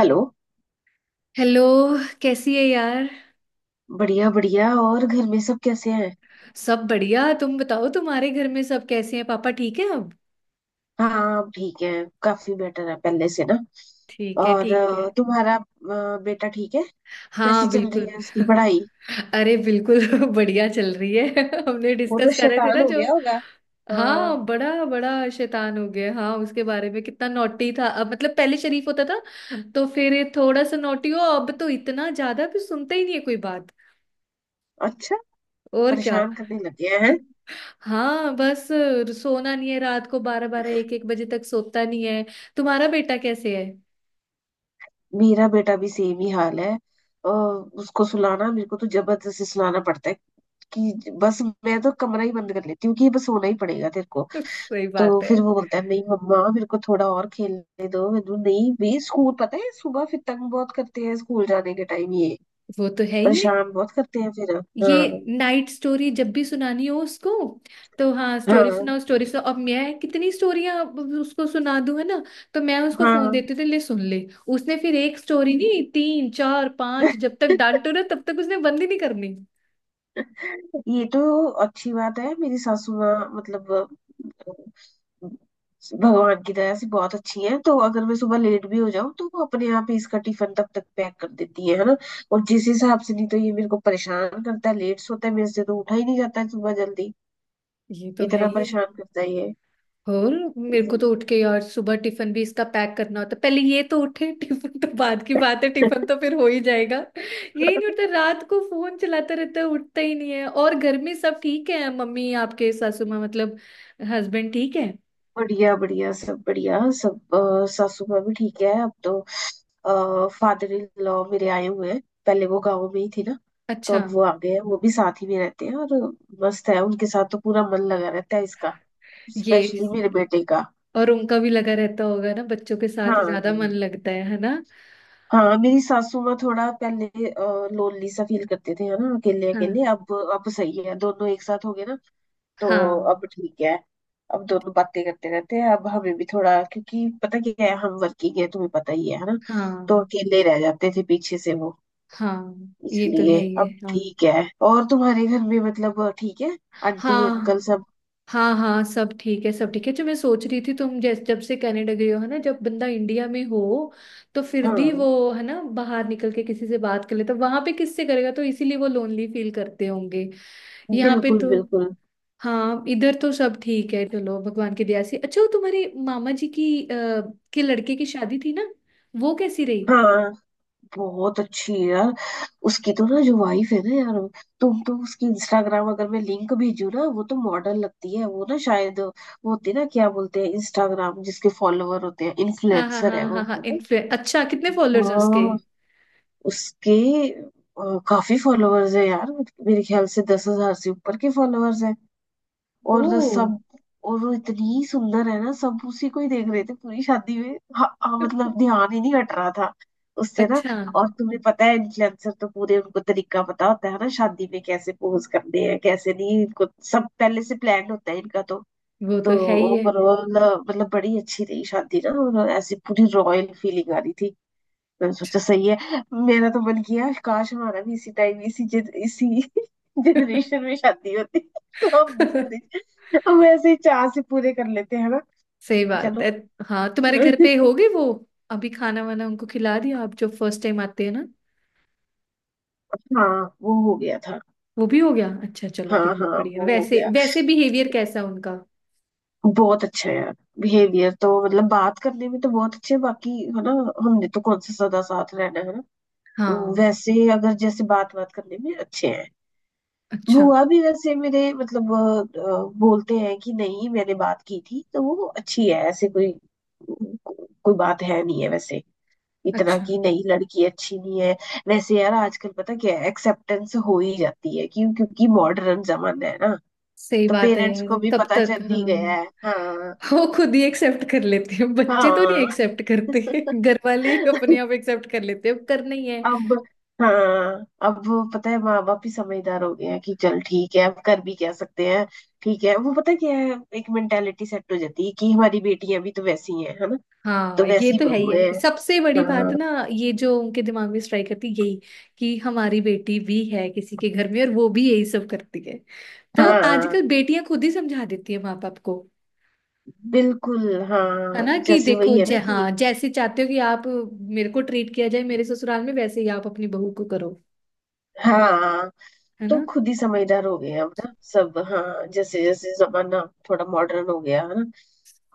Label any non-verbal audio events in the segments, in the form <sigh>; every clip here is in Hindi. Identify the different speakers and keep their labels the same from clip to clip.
Speaker 1: हेलो।
Speaker 2: हेलो। कैसी है यार?
Speaker 1: बढ़िया बढ़िया। और घर में सब कैसे हैं।
Speaker 2: सब बढ़िया, तुम बताओ, तुम्हारे घर में सब कैसे हैं? पापा ठीक है अब?
Speaker 1: हाँ अब ठीक है। काफी बेटर है पहले से ना।
Speaker 2: ठीक है,
Speaker 1: और
Speaker 2: ठीक है।
Speaker 1: तुम्हारा बेटा ठीक है। कैसी
Speaker 2: हाँ
Speaker 1: चल रही
Speaker 2: बिल्कुल।
Speaker 1: है उसकी पढ़ाई।
Speaker 2: <laughs> अरे बिल्कुल <laughs> बढ़िया चल रही है। <laughs> हमने
Speaker 1: वो तो
Speaker 2: डिस्कस कर रहे थे
Speaker 1: शैतान
Speaker 2: ना
Speaker 1: हो
Speaker 2: जो।
Speaker 1: गया होगा। हाँ।
Speaker 2: हाँ, बड़ा बड़ा शैतान हो गया, हाँ। उसके बारे में कितना नॉटी था, अब मतलब पहले शरीफ होता था, तो फिर ये थोड़ा सा नॉटी हो, अब तो इतना ज्यादा भी सुनता ही नहीं है कोई बात।
Speaker 1: अच्छा।
Speaker 2: और क्या।
Speaker 1: परेशान करने लग गया
Speaker 2: <laughs>
Speaker 1: है।
Speaker 2: हाँ बस। सोना नहीं है, रात को 12 12 1 1 बजे तक सोता नहीं है। तुम्हारा बेटा कैसे है?
Speaker 1: मेरा बेटा भी सेम ही हाल है। उसको सुलाना मेरे को तो जबरदस्ती सुलाना पड़ता है कि बस। मैं तो कमरा ही बंद कर लेती हूँ कि बस सोना ही पड़ेगा तेरे को।
Speaker 2: <laughs> सही
Speaker 1: तो
Speaker 2: बात है।
Speaker 1: फिर वो बोलता है नहीं मम्मा मेरे को थोड़ा और खेलने दो मैंने नहीं भी स्कूल पता है सुबह फिर तंग बहुत करते हैं स्कूल जाने के टाइम ये।
Speaker 2: वो तो है ही है।
Speaker 1: परेशान बहुत करते हैं फिर।
Speaker 2: ये
Speaker 1: हाँ
Speaker 2: नाइट स्टोरी जब भी सुनानी हो उसको, तो हाँ स्टोरी
Speaker 1: हाँ
Speaker 2: सुनाओ, स्टोरी सुनाओ। अब मैं कितनी स्टोरियां उसको सुना दूं, है ना? तो मैं उसको फोन
Speaker 1: हाँ।
Speaker 2: देती थी, ले सुन ले। उसने फिर एक स्टोरी नहीं, तीन चार पांच, जब तक डांटो ना तब तक उसने बंद ही नहीं करनी।
Speaker 1: <laughs> ये तो अच्छी बात है। मेरी सासू माँ मतलब भगवान की दया से बहुत अच्छी है तो अगर मैं सुबह लेट भी हो जाऊं तो वो अपने आप ही इसका टिफिन तब तक पैक कर देती है ना। और जिस हिसाब से नहीं तो ये मेरे को परेशान करता है लेट सोता है मेरे से तो उठा ही नहीं जाता है सुबह जल्दी।
Speaker 2: ये तो है
Speaker 1: इतना
Speaker 2: ही।
Speaker 1: परेशान करता है ये।
Speaker 2: और मेरे को तो उठ के यार सुबह टिफिन भी इसका पैक करना होता है। पहले ये तो उठे। <laughs> टिफिन तो बाद की बात है, टिफिन तो
Speaker 1: <laughs>
Speaker 2: फिर हो ही जाएगा। यही नहीं उठता, रात को फोन चलाता रहता है, उठता ही नहीं है। और घर में सब ठीक है मम्मी? आपके सासू माँ मतलब हस्बैंड ठीक है?
Speaker 1: बढ़िया बढ़िया सब बढ़िया सब, सासू माँ भी ठीक है अब तो। फादर इन लॉ मेरे आए हुए हैं। पहले वो गाँव में ही थी ना। तो
Speaker 2: अच्छा।
Speaker 1: अब वो आ गए हैं वो भी साथ ही में रहते हैं और मस्त है उनके साथ तो पूरा मन लगा रहता है इसका।
Speaker 2: ये
Speaker 1: स्पेशली मेरे बेटे का।
Speaker 2: और उनका भी लगा रहता होगा ना, बच्चों के साथ
Speaker 1: हाँ।
Speaker 2: ज्यादा मन लगता है ना?
Speaker 1: हाँ मेरी सासू माँ थोड़ा पहले लोनली सा फील करते थे है ना। अकेले अकेले,
Speaker 2: हाँ,
Speaker 1: अब सही है दोनों एक साथ हो गए ना। तो
Speaker 2: हाँ,
Speaker 1: अब ठीक है। अब दोनों बातें करते रहते हैं अब हमें भी थोड़ा क्योंकि पता क्या है हम वर्किंग है तुम्हें पता ही है ना। तो
Speaker 2: हाँ,
Speaker 1: अकेले रह जाते थे पीछे से वो।
Speaker 2: हाँ। ये तो है
Speaker 1: इसलिए
Speaker 2: ही है।
Speaker 1: अब
Speaker 2: हाँ,
Speaker 1: ठीक है और तुम्हारे घर में मतलब ठीक है आंटी अंकल
Speaker 2: हाँ,
Speaker 1: सब।
Speaker 2: हाँ, हाँ, सब ठीक है, सब ठीक है। जो मैं सोच रही थी, तुम जैसे जब से कनाडा गई हो, है ना, जब बंदा इंडिया में हो तो फिर भी
Speaker 1: हाँ।
Speaker 2: वो, है ना, बाहर निकल के किसी से बात कर लेता, वहां पे किससे करेगा? तो इसीलिए वो लोनली फील करते होंगे, यहाँ पे
Speaker 1: बिल्कुल
Speaker 2: तो।
Speaker 1: बिल्कुल।
Speaker 2: हाँ, इधर तो सब ठीक है, चलो भगवान की दया से। अच्छा, वो तुम्हारे मामा जी की के लड़के की शादी थी ना, वो कैसी रही?
Speaker 1: हाँ बहुत अच्छी है यार। उसकी तो ना जो वाइफ है ना यार। तुम तो उसकी इंस्टाग्राम अगर मैं लिंक भेजू ना वो तो मॉडल लगती है वो ना शायद वो होती है ना क्या बोलते हैं इंस्टाग्राम जिसके फॉलोवर होते हैं
Speaker 2: हाँ, हाँ,
Speaker 1: इन्फ्लुएंसर है
Speaker 2: हाँ,
Speaker 1: वो
Speaker 2: हाँ, हाँ,
Speaker 1: है ना?
Speaker 2: इन्फ्लुएंस। अच्छा, कितने फॉलोअर्स हैं उसके?
Speaker 1: हाँ उसके काफी फॉलोअर्स है यार। मेरे ख्याल से 10,000 से ऊपर के फॉलोअर्स है। और
Speaker 2: ओ।
Speaker 1: सब
Speaker 2: <laughs>
Speaker 1: और वो इतनी सुंदर है ना सब उसी को ही देख रहे थे पूरी शादी में। हाँ, हाँ, मतलब ध्यान ही नहीं हट रहा था उससे ना।
Speaker 2: अच्छा,
Speaker 1: और तुम्हें पता है इन्फ्लुएंसर तो पूरे उनको तरीका पता होता है ना शादी में कैसे पोज करने हैं कैसे नहीं इनको सब पहले से प्लान होता है इनका तो।
Speaker 2: वो
Speaker 1: तो
Speaker 2: तो है ही
Speaker 1: ओवरऑल मतलब बड़ी अच्छी रही शादी ना। और ऐसी पूरी रॉयल फीलिंग आ रही थी। मैंने सोचा सही है। मेरा तो मन किया काश हमारा भी इसी टाइम इसी <laughs> जनरेशन में शादी होती तो हम भी
Speaker 2: है।
Speaker 1: पूरे
Speaker 2: <laughs>
Speaker 1: हम ऐसे ही चाह से पूरे कर लेते हैं ना।
Speaker 2: सही
Speaker 1: लेकिन
Speaker 2: बात है।
Speaker 1: चलो।
Speaker 2: हाँ, तुम्हारे घर पे हो
Speaker 1: <laughs>
Speaker 2: गई वो? अभी खाना वाना उनको खिला दिया, आप जो फर्स्ट टाइम आते हैं ना?
Speaker 1: हाँ वो हो गया था।
Speaker 2: वो भी हो गया, अच्छा चलो,
Speaker 1: हाँ
Speaker 2: बढ़िया
Speaker 1: हाँ
Speaker 2: बढ़िया।
Speaker 1: वो हो
Speaker 2: वैसे
Speaker 1: गया।
Speaker 2: वैसे बिहेवियर कैसा उनका?
Speaker 1: बहुत अच्छा है यार। बिहेवियर तो मतलब बात करने में तो बहुत अच्छे हैं, बाकी है ना। हमने तो कौन सा सदा साथ रहना है ना।
Speaker 2: हाँ,
Speaker 1: वैसे अगर जैसे बात बात करने में अच्छे हैं।
Speaker 2: अच्छा
Speaker 1: बुआ भी वैसे मेरे मतलब बोलते हैं कि नहीं मैंने बात की थी तो वो अच्छी है ऐसे कोई कोई बात है नहीं है वैसे। इतना
Speaker 2: अच्छा।
Speaker 1: कि नहीं लड़की अच्छी नहीं है। वैसे यार आजकल पता क्या है एक्सेप्टेंस हो ही जाती है, क्यों क्योंकि मॉडर्न जमाना है ना।
Speaker 2: सही
Speaker 1: तो
Speaker 2: बात है
Speaker 1: पेरेंट्स को
Speaker 2: यार,
Speaker 1: भी
Speaker 2: तब
Speaker 1: पता
Speaker 2: तक
Speaker 1: चल
Speaker 2: हाँ।
Speaker 1: ही गया है। हाँ।
Speaker 2: वो खुद ही एक्सेप्ट कर लेते हैं, बच्चे तो नहीं
Speaker 1: हाँ।
Speaker 2: एक्सेप्ट करते। <laughs> घर वाले ही अपने
Speaker 1: <laughs>
Speaker 2: आप एक्सेप्ट कर लेते हैं, करना ही है।
Speaker 1: अब हाँ। अब वो पता है माँ बाप भी समझदार हो गए हैं कि चल ठीक है अब कर भी क्या सकते हैं। ठीक है वो पता क्या है एक मेंटेलिटी सेट हो जाती है कि हमारी बेटियां भी तो वैसी ही हैं है ना।
Speaker 2: हाँ,
Speaker 1: तो
Speaker 2: ये
Speaker 1: वैसी
Speaker 2: तो है ही
Speaker 1: बहू है।
Speaker 2: है, सबसे बड़ी
Speaker 1: हाँ।
Speaker 2: बात ना। ये जो उनके दिमाग में स्ट्राइक करती है यही, कि हमारी बेटी भी है किसी के घर में और वो भी यही सब करती है, तो
Speaker 1: हाँ
Speaker 2: आजकल बेटियां खुद ही समझा देती है माँ बाप को,
Speaker 1: बिल्कुल।
Speaker 2: है
Speaker 1: हाँ
Speaker 2: ना कि
Speaker 1: जैसे
Speaker 2: देखो
Speaker 1: वही है
Speaker 2: जय
Speaker 1: ना कि
Speaker 2: हाँ जैसे चाहते हो कि आप मेरे को ट्रीट किया जाए मेरे ससुराल में, वैसे ही आप अपनी बहू को करो,
Speaker 1: हाँ।
Speaker 2: है
Speaker 1: तो
Speaker 2: ना।
Speaker 1: खुद ही समझदार हो गए हैं अब ना सब हाँ जैसे जैसे जमाना थोड़ा मॉडर्न हो गया है ना।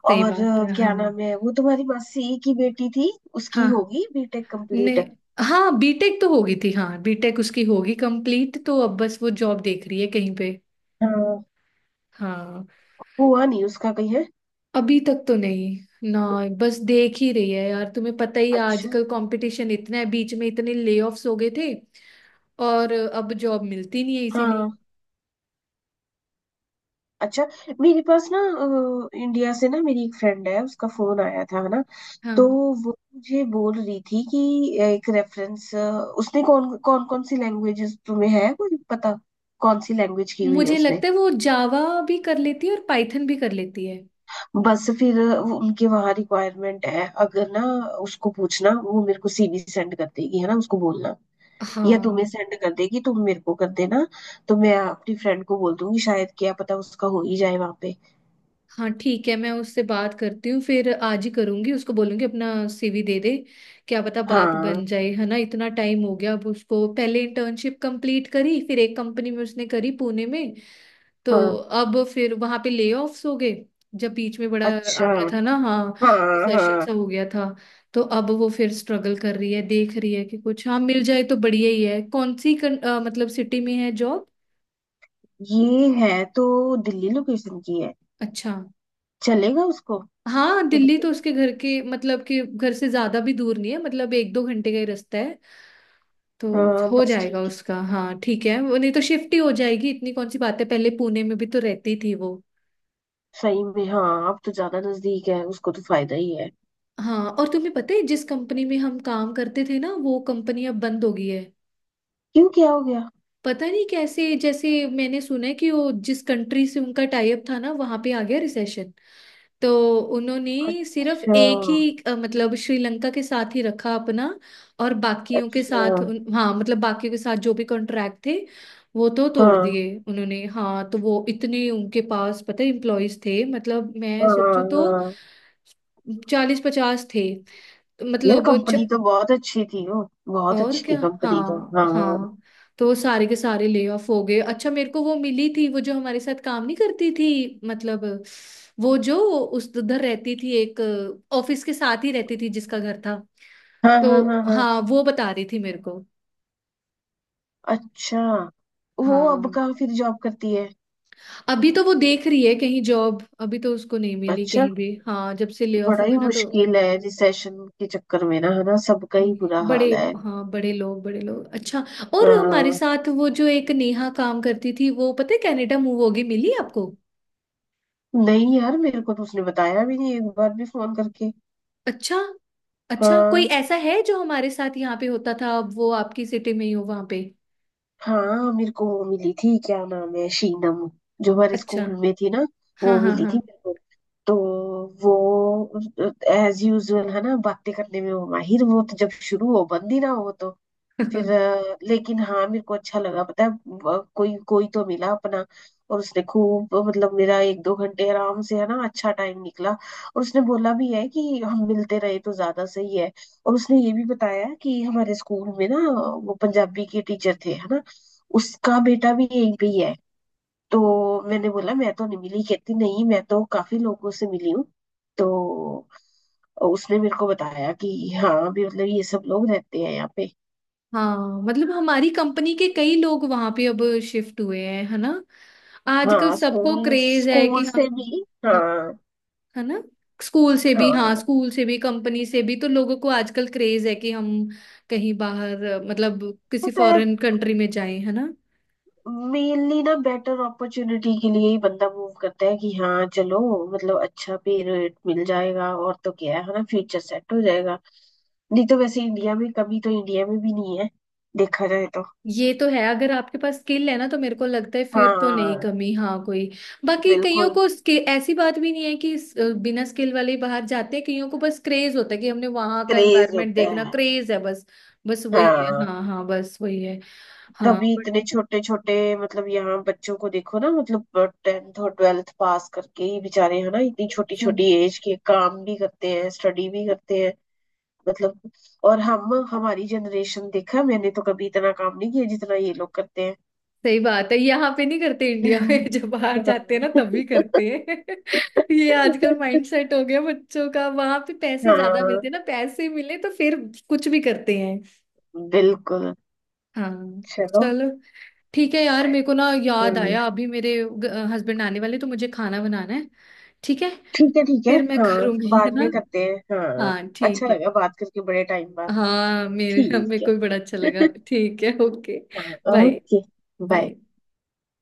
Speaker 2: सही
Speaker 1: और
Speaker 2: बात है।
Speaker 1: क्या
Speaker 2: हाँ,
Speaker 1: नाम है वो तुम्हारी मासी की बेटी थी उसकी
Speaker 2: हाँ
Speaker 1: होगी बीटेक
Speaker 2: ने।
Speaker 1: कंप्लीट।
Speaker 2: हाँ, बीटेक तो होगी थी हाँ, बीटेक उसकी होगी कंप्लीट, तो अब बस वो जॉब देख रही है कहीं पे।
Speaker 1: हाँ।
Speaker 2: हाँ,
Speaker 1: हुआ नहीं उसका कहीं है।
Speaker 2: अभी तक तो नहीं ना, बस देख ही रही है यार, तुम्हें पता ही है,
Speaker 1: अच्छा।
Speaker 2: आजकल कंपटीशन इतना है, बीच में इतने ले हो गए थे और अब जॉब मिलती नहीं है, इसीलिए।
Speaker 1: हाँ। अच्छा। मेरे पास ना इंडिया से ना मेरी एक फ्रेंड है उसका फोन आया था है ना।
Speaker 2: हाँ,
Speaker 1: तो वो मुझे बोल रही थी कि एक रेफरेंस उसने कौन कौन कौन सी लैंग्वेजेस तुम्हें है कोई पता। कौन सी लैंग्वेज की हुई है
Speaker 2: मुझे
Speaker 1: उसने।
Speaker 2: लगता है वो जावा भी कर लेती है और पाइथन भी कर लेती है।
Speaker 1: बस फिर उनके वहाँ रिक्वायरमेंट है अगर ना। उसको पूछना वो मेरे को सीवी सेंड कर देगी है ना उसको बोलना या तुम्हें
Speaker 2: हाँ,
Speaker 1: सेंड कर देगी तुम मेरे को कर देना। तो मैं अपनी फ्रेंड को बोल दूंगी शायद क्या पता उसका हो ही जाए वहाँ पे।
Speaker 2: हाँ ठीक है, मैं उससे बात करती हूँ, फिर आज ही करूंगी, उसको बोलूंगी अपना सीवी दे दे। क्या पता बात
Speaker 1: हाँ।
Speaker 2: बन जाए, है ना? इतना टाइम हो गया अब उसको, पहले इंटर्नशिप कंप्लीट करी, फिर एक कंपनी में उसने करी पुणे में, तो
Speaker 1: हाँ।
Speaker 2: अब फिर वहां पे ले ऑफ्स हो गए, जब बीच में बड़ा
Speaker 1: अच्छा।
Speaker 2: आ गया था ना, हाँ
Speaker 1: हाँ।
Speaker 2: रिसेशन
Speaker 1: हाँ।
Speaker 2: सा हो गया था। तो अब वो फिर स्ट्रगल कर रही है, देख रही है कि कुछ हाँ मिल जाए तो बढ़िया ही है। कौन सी मतलब सिटी में है जॉब?
Speaker 1: ये है तो दिल्ली लोकेशन की है।
Speaker 2: अच्छा।
Speaker 1: चलेगा उसको।
Speaker 2: हाँ,
Speaker 1: कोई
Speaker 2: दिल्ली
Speaker 1: दिक्कत
Speaker 2: तो
Speaker 1: तो
Speaker 2: उसके
Speaker 1: नहीं है।
Speaker 2: घर के मतलब कि घर से ज्यादा भी दूर नहीं है, मतलब 1 2 घंटे का ही रास्ता है, तो
Speaker 1: हाँ
Speaker 2: हो
Speaker 1: बस
Speaker 2: जाएगा
Speaker 1: ठीक
Speaker 2: उसका।
Speaker 1: है।
Speaker 2: हाँ ठीक है, वो नहीं तो शिफ्ट ही हो जाएगी, इतनी कौन सी बात है, पहले पुणे में भी तो रहती थी वो।
Speaker 1: सही में हाँ अब तो ज्यादा नजदीक है उसको तो फायदा ही है।
Speaker 2: हाँ, और तुम्हें पता है जिस कंपनी में हम काम करते थे ना, वो कंपनी अब बंद हो गई है।
Speaker 1: क्यों क्या हो गया।
Speaker 2: पता नहीं कैसे जैसे, मैंने सुना है कि वो जिस कंट्री से उनका टाई अप था ना, वहां पे आ गया रिसेशन, तो उन्होंने सिर्फ
Speaker 1: अच्छा।
Speaker 2: एक ही मतलब श्रीलंका के साथ ही रखा अपना, और बाकियों के
Speaker 1: अच्छा।
Speaker 2: साथ हाँ मतलब बाकियों के साथ जो भी कॉन्ट्रैक्ट थे, वो तो तोड़
Speaker 1: हाँ
Speaker 2: दिए उन्होंने। हाँ, तो वो इतने उनके पास पता है एम्प्लॉयज थे, मतलब मैं सोचू
Speaker 1: हाँ
Speaker 2: तो
Speaker 1: हाँ।
Speaker 2: 40 50 थे,
Speaker 1: यार
Speaker 2: मतलब।
Speaker 1: कंपनी तो बहुत अच्छी थी वो। बहुत
Speaker 2: और
Speaker 1: अच्छी थी
Speaker 2: क्या,
Speaker 1: कंपनी तो।
Speaker 2: हाँ
Speaker 1: हाँ।
Speaker 2: हाँ। तो सारे के सारे ले ऑफ हो गए। अच्छा, मेरे को वो मिली थी, वो जो हमारे साथ काम नहीं करती थी मतलब, वो जो उस उधर रहती थी, एक ऑफिस के साथ ही रहती थी जिसका घर था,
Speaker 1: हाँ
Speaker 2: तो
Speaker 1: हाँ हाँ हाँ।
Speaker 2: हाँ वो बता रही थी मेरे को।
Speaker 1: अच्छा। वो अब
Speaker 2: हाँ,
Speaker 1: कहाँ फिर जॉब करती है।
Speaker 2: अभी तो वो देख रही है कहीं जॉब, अभी तो उसको नहीं मिली
Speaker 1: अच्छा।
Speaker 2: कहीं भी, हाँ जब से ले ऑफ
Speaker 1: बड़ा ही
Speaker 2: हुआ ना तो।
Speaker 1: मुश्किल है रिसेशन के चक्कर में ना है ना सबका ही बुरा
Speaker 2: बड़े,
Speaker 1: हाल है।
Speaker 2: हाँ बड़े लोग, बड़े लोग। अच्छा, और हमारे
Speaker 1: हाँ।
Speaker 2: साथ वो जो एक नेहा काम करती थी, वो पता है कनाडा मूव होगी, मिली आपको?
Speaker 1: नहीं यार मेरे को तो उसने बताया भी नहीं एक बार भी फोन करके।
Speaker 2: अच्छा। अच्छा, कोई
Speaker 1: हाँ।
Speaker 2: ऐसा है जो हमारे साथ यहाँ पे होता था, अब वो आपकी सिटी में ही हो वहां पे?
Speaker 1: हाँ मेरे को वो मिली थी क्या नाम है शीनम। जो हमारे
Speaker 2: अच्छा,
Speaker 1: स्कूल में थी ना।
Speaker 2: हाँ
Speaker 1: वो
Speaker 2: हाँ
Speaker 1: मिली
Speaker 2: हाँ।
Speaker 1: थी मेरे को। तो वो एज यूजुअल है ना बातें करने में वो माहिर वो तो जब शुरू हो बंद ही ना हो तो। फिर
Speaker 2: <laughs>
Speaker 1: लेकिन हाँ मेरे को अच्छा लगा पता है कोई कोई तो मिला अपना। और उसने खूब मतलब मेरा एक दो घंटे आराम से है ना अच्छा टाइम निकला और उसने बोला भी है कि हम मिलते रहे तो ज्यादा सही है। और उसने ये भी बताया कि हमारे स्कूल में ना वो पंजाबी के टीचर थे है ना। उसका बेटा भी यहीं पे ही है। तो मैंने बोला मैं तो नहीं मिली, कहती नहीं मैं तो काफी लोगों से मिली हूँ। तो उसने मेरे को बताया कि हाँ भी मतलब ये सब लोग रहते हैं यहाँ पे।
Speaker 2: हाँ, मतलब हमारी कंपनी के कई लोग वहां पे अब शिफ्ट हुए हैं, है ना? आजकल
Speaker 1: हाँ
Speaker 2: सबको
Speaker 1: स्कूल
Speaker 2: क्रेज है कि
Speaker 1: स्कूल
Speaker 2: हम।
Speaker 1: से भी हाँ।
Speaker 2: हाँ, है ना, स्कूल से भी हाँ,
Speaker 1: हाँ।
Speaker 2: स्कूल से भी कंपनी से भी, तो लोगों को आजकल क्रेज है कि हम कहीं बाहर मतलब किसी
Speaker 1: पता है
Speaker 2: फॉरेन कंट्री में जाएं, है ना?
Speaker 1: मेनली ना बेटर अपॉर्चुनिटी के लिए ही बंदा मूव करता है कि हाँ चलो। मतलब अच्छा पे रेट मिल जाएगा और तो क्या है ना फ्यूचर सेट हो जाएगा। नहीं तो वैसे इंडिया में कभी तो इंडिया में भी नहीं है देखा जाए तो।
Speaker 2: ये तो है, अगर आपके पास स्किल है ना, तो मेरे को लगता है फिर तो नहीं
Speaker 1: हाँ।
Speaker 2: कमी हाँ कोई। बाकी कईयों
Speaker 1: बिल्कुल।
Speaker 2: को स्किल ऐसी बात भी नहीं है कि बिना स्किल वाले ही बाहर जाते हैं, कईयों को बस क्रेज होता है कि हमने वहां का
Speaker 1: क्रेज
Speaker 2: एनवायरनमेंट
Speaker 1: होता
Speaker 2: देखना,
Speaker 1: है।
Speaker 2: क्रेज है बस। बस वही है,
Speaker 1: हाँ।
Speaker 2: हाँ हाँ बस वही है। हाँ
Speaker 1: तभी
Speaker 2: बट,
Speaker 1: इतने छोटे छोटे मतलब यहाँ बच्चों को देखो ना मतलब। टेंथ और ट्वेल्थ पास करके ही बेचारे है ना इतनी छोटी छोटी एज के काम भी करते हैं स्टडी भी करते हैं मतलब। और हम हमारी जनरेशन देखा मैंने तो कभी इतना काम नहीं किया जितना ये लोग करते हैं।
Speaker 2: सही बात है, यहाँ पे नहीं करते इंडिया में। <laughs> जब बाहर जाते हैं ना तभी करते हैं। <laughs> ये आजकल
Speaker 1: <laughs>
Speaker 2: माइंडसेट हो गया बच्चों का, वहां पे पैसे ज्यादा
Speaker 1: हाँ।
Speaker 2: मिलते हैं ना, पैसे मिले तो फिर कुछ भी करते हैं।
Speaker 1: बिल्कुल।
Speaker 2: हाँ
Speaker 1: चलो।
Speaker 2: चलो, ठीक है यार, मेरे को ना याद आया
Speaker 1: हाँ,
Speaker 2: अभी मेरे हस्बैंड आने वाले, तो मुझे खाना बनाना है, ठीक है?
Speaker 1: ठीक है
Speaker 2: फिर मैं
Speaker 1: हाँ
Speaker 2: करूंगी, है
Speaker 1: बाद में
Speaker 2: ना,
Speaker 1: करते हैं हाँ।
Speaker 2: हाँ
Speaker 1: अच्छा
Speaker 2: ठीक है।
Speaker 1: लगा बात करके बड़े टाइम बाद।
Speaker 2: हाँ, मेरे मेरे
Speaker 1: ठीक
Speaker 2: को भी
Speaker 1: है।
Speaker 2: बड़ा अच्छा लगा,
Speaker 1: <laughs>
Speaker 2: ठीक है, ओके।
Speaker 1: हाँ
Speaker 2: बाय,
Speaker 1: ओके। बाय।
Speaker 2: बाय।